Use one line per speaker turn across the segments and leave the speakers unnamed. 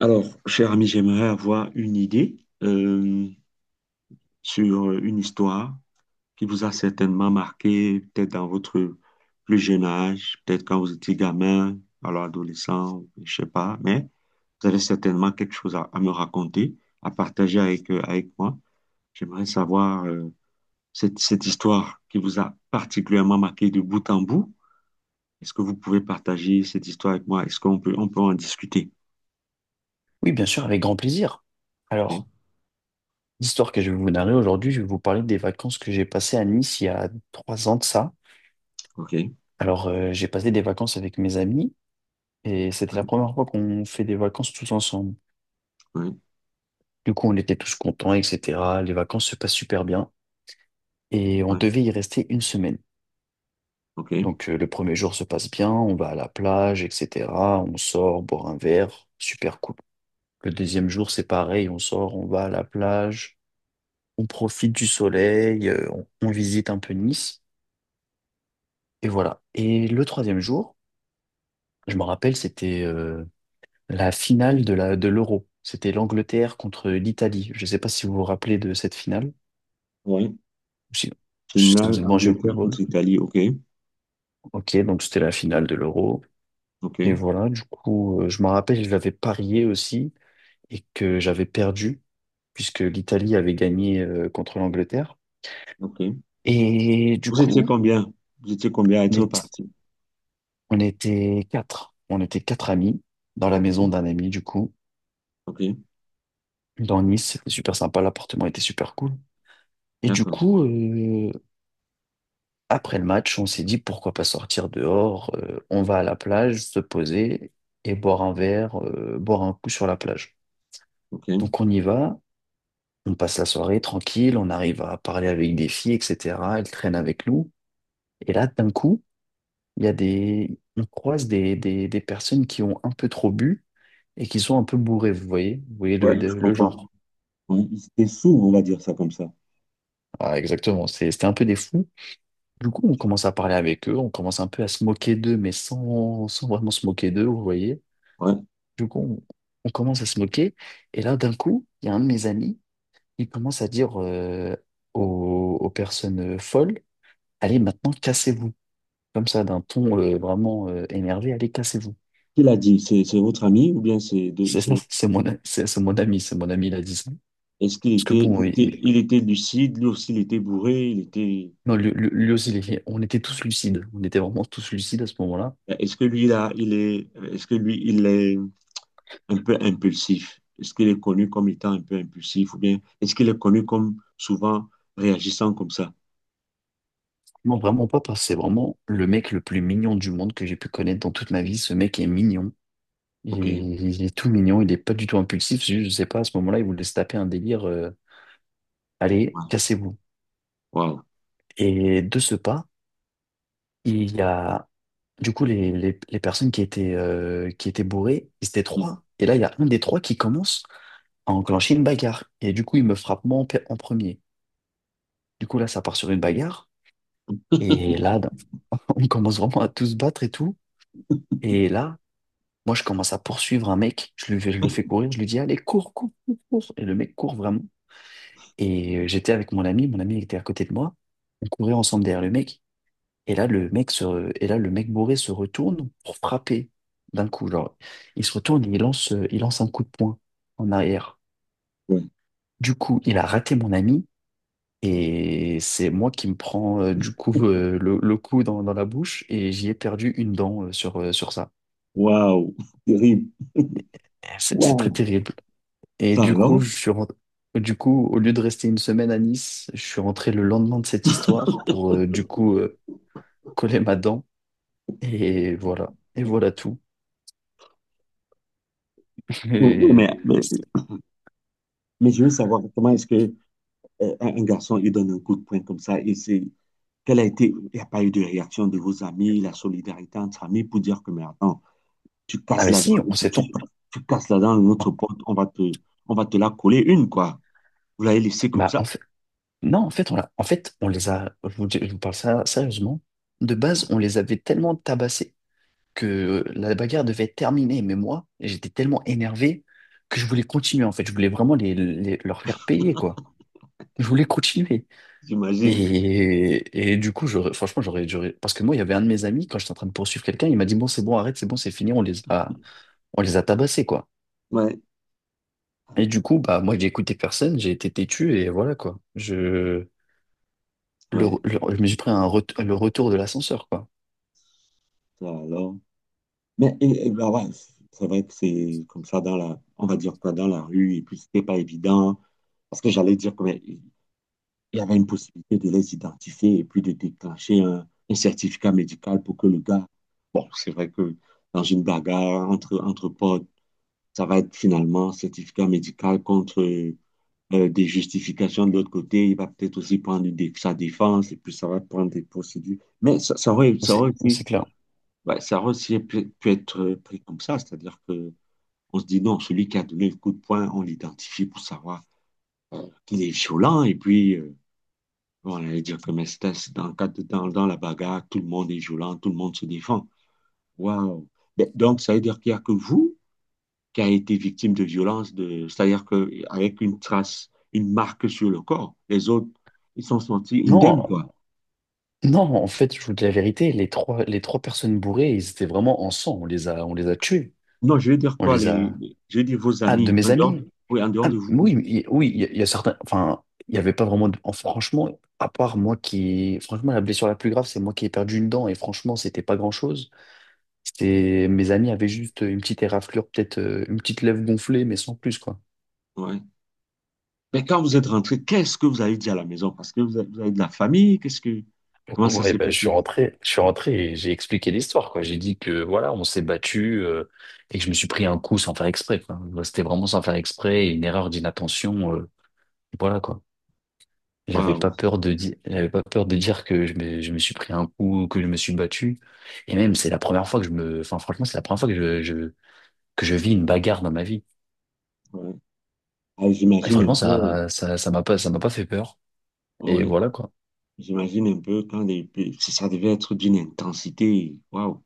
Alors, cher ami, j'aimerais avoir une idée euh, sur une histoire qui vous a certainement marqué, peut-être dans votre plus jeune âge, peut-être quand vous étiez gamin, alors adolescent, je sais pas, mais vous avez certainement quelque chose à me raconter, à partager avec, avec moi. J'aimerais savoir cette histoire qui vous a particulièrement marqué de bout en bout. Est-ce que vous pouvez partager cette histoire avec moi? Est-ce qu'on peut en discuter?
Oui, bien sûr, avec grand plaisir.
Ok,
Alors, l'histoire que je vais vous narrer aujourd'hui, je vais vous parler des vacances que j'ai passées à Nice il y a 3 ans de ça.
ok, ouais,
Alors, j'ai passé des vacances avec mes amis et c'était la première fois qu'on fait des vacances tous ensemble.
ouais,
Du coup, on était tous contents, etc. Les vacances se passent super bien et on
ouais,
devait y rester une semaine.
ok.
Donc, le premier jour se passe bien, on va à la plage, etc. On sort, boire un verre, super cool. Le deuxième jour, c'est pareil, on sort, on va à la plage. On profite du soleil, on visite un peu Nice, et voilà. Et le troisième jour, je me rappelle, c'était la finale de l'Euro. C'était l'Angleterre contre l'Italie. Je ne sais pas si vous vous rappelez de cette finale,
Oui.
si, si vous
Finale,
êtes branché au
Angleterre
football.
contre Italie. OK.
Ok, donc c'était la finale de l'Euro. Et
OK.
voilà, du coup, je me rappelle, je l'avais parié aussi, et que j'avais perdu, puisque l'Italie avait gagné contre l'Angleterre.
OK.
Et du
Vous étiez
coup,
combien? Vous étiez combien à être
les
parti?
on était quatre. On était quatre amis dans la
OK.
maison d'un ami, du coup,
OK.
dans Nice. C'était super sympa. L'appartement était super cool. Et du
D'accord.
coup, après le match, on s'est dit pourquoi pas sortir dehors. On va à la plage, se poser et boire un verre, boire un coup sur la plage.
OK.
Donc on y va. On passe la soirée tranquille. On arrive à parler avec des filles, etc. Elles traînent avec nous. Et là, d'un coup, il y a des, on croise des personnes qui ont un peu trop bu et qui sont un peu bourrés, vous voyez le,
Ouais,
de-
je
le
comprends.
genre.
Oui, il était sourd, on va dire ça comme ça.
Ah, exactement, c'était un peu des fous. Du coup, on commence à parler avec eux, on commence un peu à se moquer d'eux, mais sans vraiment se moquer d'eux, vous voyez.
Ouais.
Du coup, on commence à se moquer, et là, d'un coup, il y a un de mes amis, il commence à dire aux personnes folles, allez, maintenant, cassez-vous. Comme ça, d'un ton vraiment énervé, allez, cassez-vous.
Qui l'a dit? C'est votre ami ou bien c'est de
C'est ça,
c'est-
c'est mon ami, c'est mon ami, il a dit ça.
Est-ce qu'il
Parce que
était, il
bon,
était il était lucide, lui aussi il était bourré, il était
non, lui, lui aussi, on était tous lucides. On était vraiment tous lucides à ce moment-là.
est-ce que lui là, il est est-ce que lui il est un peu impulsif? Est-ce qu'il est connu comme étant un peu impulsif ou bien est-ce qu'il est connu comme souvent réagissant comme ça?
Non, vraiment pas, parce que c'est vraiment le mec le plus mignon du monde que j'ai pu connaître dans toute ma vie. Ce mec est mignon. Il
OK.
est, il est tout mignon, il n'est pas du tout impulsif. Je ne sais pas, à ce moment-là, il voulait se taper un délire. Allez, cassez-vous.
Waouh.
Et de ce pas, il y a du coup les personnes qui étaient bourrées, ils étaient trois. Et là, il y a un des trois qui commence à enclencher une bagarre. Et du coup, il me frappe moi en premier. Du coup, là, ça part sur une bagarre. Et là, on commence vraiment à tous se battre et tout. Et là, moi, je commence à poursuivre un mec. Je le fais courir. Je lui dis, allez, cours, cours, cours, cours. Et le mec court vraiment. Et j'étais avec mon ami. Mon ami il était à côté de moi. On courait ensemble derrière le mec. Et là, le mec bourré se retourne pour frapper d'un coup. Genre, il se retourne et il lance un coup de poing en arrière.
Ouais.
Du coup, il a raté mon ami. Et c'est moi qui me prends du coup le coup dans la bouche et j'y ai perdu une dent sur ça.
Waouh. Terrible.
C'est
Waouh.
très terrible. Et
Ça
du coup,
alors?
au lieu de rester une semaine à Nice, je suis rentré le lendemain de cette histoire pour du coup coller ma dent. Et voilà. Et voilà tout.
Oui, oui,
Et-
mais je veux savoir comment est-ce que un garçon il donne un coup de poing comme ça et c'est quelle a été, il n'y a pas eu de réaction de vos amis, la solidarité entre amis pour dire que mais attends, tu
Ah
casses
mais
la
si,
dent,
on s'est...
tu,
ton-
tu casses la dent de notre pote, on va te la coller une quoi. Vous l'avez laissé comme
Bah,
ça.
en fait. Non, en fait, en fait, on les a. Je vous parle ça sérieusement. De base,
Ouais,
on les avait tellement tabassés que la bagarre devait être terminée. Mais moi, j'étais tellement énervé que je voulais continuer, en fait. Je voulais vraiment leur faire payer, quoi. Je voulais continuer.
j'imagine.
Et du coup, parce que moi, il y avait un de mes amis, quand j'étais en train de poursuivre quelqu'un, il m'a dit, bon, c'est bon, arrête, c'est bon, c'est fini, on les a tabassés, quoi.
Ouais,
Et du coup, bah, moi, j'ai écouté personne, j'ai été têtu, et voilà, quoi.
ouais.
Je me suis pris le retour de l'ascenseur, quoi.
Ça alors. Mais et ben ouais, c- c'est vrai que c'est comme ça dans la, on va dire quoi, dans la rue, et puis c'était pas évident, parce que j'allais dire qu'il il y avait une possibilité de les identifier et puis de déclencher un certificat médical pour que le gars, bon, c'est vrai que dans une bagarre entre potes, ça va être finalement certificat médical contre des justifications de l'autre côté, il va peut-être aussi prendre une dé- sa défense, et puis ça va prendre des procédures. Mais ça, ça aurait, ça
C'est
aurait aussi,
c'est clair.
ouais, ça aurait aussi pu être pris comme ça, c'est-à-dire que on se dit non, celui qui a donné le coup de poing, on l'identifie pour savoir qu'il est violent. Et puis, bon, on allait dire que Mestas, dans la bagarre, tout le monde est violent, tout le monde se défend. Waouh! Donc, ça veut dire qu'il n'y a que vous qui a été victime de violence, de, c'est-à-dire qu'avec une trace, une marque sur le corps, les autres, ils sont sentis indemnes,
Non,
quoi.
Non, en fait, je vous dis la vérité, les trois personnes bourrées, ils étaient vraiment en sang. On les a tués.
Non, je veux dire
On
quoi,
les a.
les- je veux dire vos
Ah, de
amis, en
mes
dehors,
amis.
oui, en dehors
Ah,
de vous.
oui, oui, il y a certains. Enfin, il n'y avait pas vraiment. De. Franchement, à part moi qui. Franchement, la blessure la plus grave, c'est moi qui ai perdu une dent. Et franchement, c'était pas grand-chose. C'était. Mes amis avaient juste une petite éraflure, peut-être une petite lèvre gonflée, mais sans plus, quoi.
Ouais. Mais quand vous êtes rentré, qu'est-ce que vous avez dit à la maison? Parce que vous avez de la famille, qu'est-ce que, comment ça
Ouais,
s'est
ben,
passé?
je suis rentré et j'ai expliqué l'histoire, quoi. J'ai dit que voilà, on s'est battu et que je me suis pris un coup sans faire exprès, quoi. Moi, c'était vraiment sans faire exprès, et une erreur d'inattention, voilà, quoi.
Waouh,
J'avais pas peur de dire que je me suis pris un coup, que je me suis battu. Et même, c'est la première fois que je me, enfin, franchement, c'est la première fois que que je vis une bagarre dans ma vie.
ouais. Ah,
Et
j'imagine un
franchement,
peu,
ça m'a pas fait peur. Et
ouais.
voilà, quoi.
J'imagine un peu quand les, si ça devait être d'une intensité, waouh.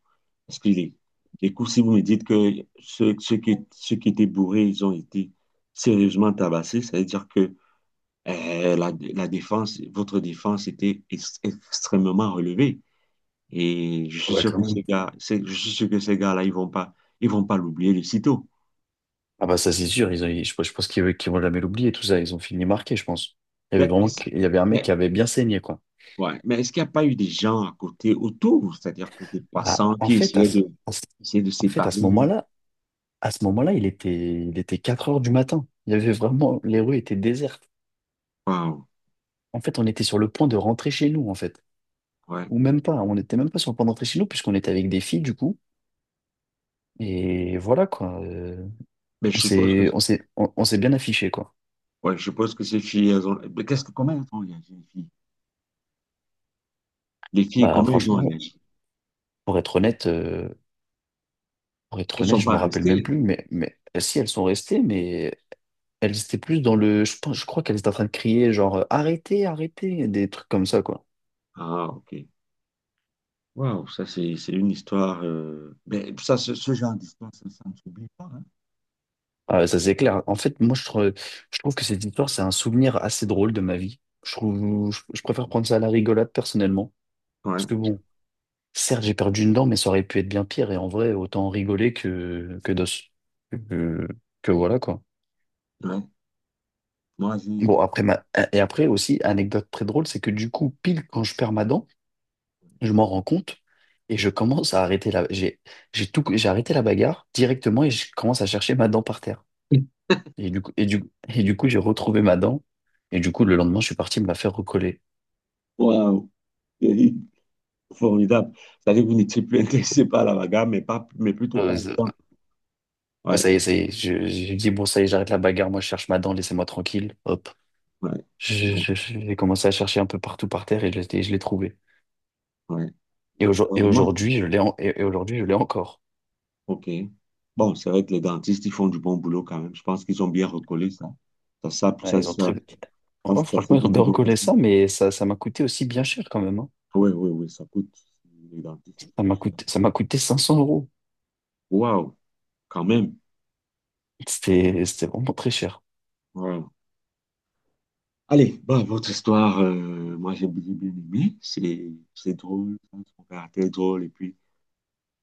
Parce que les coups, si vous me dites que ceux, ceux qui étaient bourrés, ils ont été sérieusement tabassés, ça veut dire que la, la défense, votre défense était ex- extrêmement relevée. Et je
Ah
suis
bah,
sûr
quand
que
même.
ces gars, c'est- je suis sûr que ces gars-là, ils vont pas l'oublier de sitôt.
Ah bah ça c'est sûr, je pense qu'ils vont jamais l'oublier tout ça, ils ont fini marqué, je pense. Il y avait
Mais
vraiment,
est-ce,
il y avait un mec
mais,
qui avait bien saigné quoi.
ouais, mais est-ce qu'il n'y a pas eu des gens à côté, autour, c'est-à-dire que des
Bah,
passants
en
qui
fait à ce-
essayaient de
en fait
séparer?
à ce moment-là, il était 4 heures du matin. Il y avait vraiment les rues étaient désertes.
Waouh,
En fait, on était sur le point de rentrer chez nous en fait,
ouais.
ou même pas, on n'était même pas sur le point de rentrer chez nous puisqu'on était avec des filles du coup. Et voilà quoi.
Mais je suppose que,
On s'est bien affiché quoi.
ouais, je suppose que ces filles, elles ont, mais qu'est-ce que, comment elles ont réagi, les filles? Les filles,
Bah
comment elles ont
franchement,
réagi?
pour être honnête. Pour être
Elles
honnête,
sont
je me
pas
rappelle même
restées.
plus, mais, si elles sont restées, mais elles étaient plus dans le. Je pense, je crois qu'elles étaient en train de crier, genre arrêtez, arrêtez, des trucs comme ça, quoi.
Ah, ok. Waouh, ça, c'est une histoire, mais ça, ce genre d'histoire, ça ne s'oublie pas, hein?
Ah, ouais, ça c'est clair. En fait, moi, je trouve que cette histoire, c'est un souvenir assez drôle de ma vie. Je préfère prendre ça à la rigolade personnellement. Parce
Ouais,
que bon, certes, j'ai perdu une dent, mais ça aurait pu être bien pire. Et en vrai, autant rigoler que d'os. Que que voilà, quoi.
ouais. Moi, j'ai,
Bon,
moi,
après, ma. Et après aussi, anecdote très drôle, c'est que du coup, pile quand je perds ma dent, je m'en rends compte et je commence à arrêter la. J'ai arrêté la bagarre directement et je commence à chercher ma dent par terre. Et du coup, j'ai retrouvé ma dent. Et du coup, le lendemain, je suis parti me la faire recoller.
Waouh, Eric, formidable. C'est-à-dire que vous n'étiez plus intéressé par la bagarre, mais, pas, mais plutôt par la
Ça
dent.
ouais,
Ouais,
ça y est. J'ai dit, bon, ça y est, j'arrête la bagarre. Moi, je cherche ma dent, laissez-moi tranquille. Hop.
ouais, ouais.
J'ai commencé à chercher un peu partout par terre et je l'ai trouvé.
Ouais. Heureusement.
Et aujourd'hui, je l'ai encore.
OK. Bon, c'est vrai que les dentistes, ils font du bon boulot quand même. Je pense qu'ils ont bien recollé ça. Ça, ça,
Ouais,
ça,
ils ont
ça-
très.
je pense
Oh,
que ça
franchement,
s'est
ils ont bien
plutôt bien
recollé
passé.
ça, mais ça m'a coûté aussi bien cher quand même. Hein.
Oui, oui, oui, ça coûte. Les dentistes, ils sont chers.
Ça m'a coûté 500 euros.
Waouh, quand même.
C'était vraiment très cher.
Waouh. Allez, bah, votre histoire, moi j'ai bien aimé. C'est drôle, hein, son caractère est drôle et puis.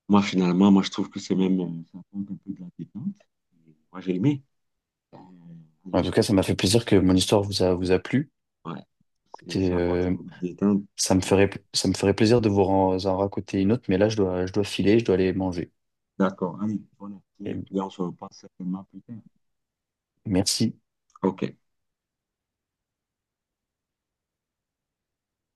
Moi, finalement, moi, je trouve que c'est même, ça apporte un peu de la détente. Et moi, j'ai aimé. Euh,
En tout cas, ça m'a fait plaisir que mon histoire vous a plu.
ouais, c'est,
Écoutez,
ça apporte une détente.
ça me ferait plaisir de vous en, en raconter une autre, mais là, je dois filer, je dois aller manger.
D'accord. Allez, bonne appétit.
Et
Et puis, on se repasse certainement plus tard.
merci.
OK.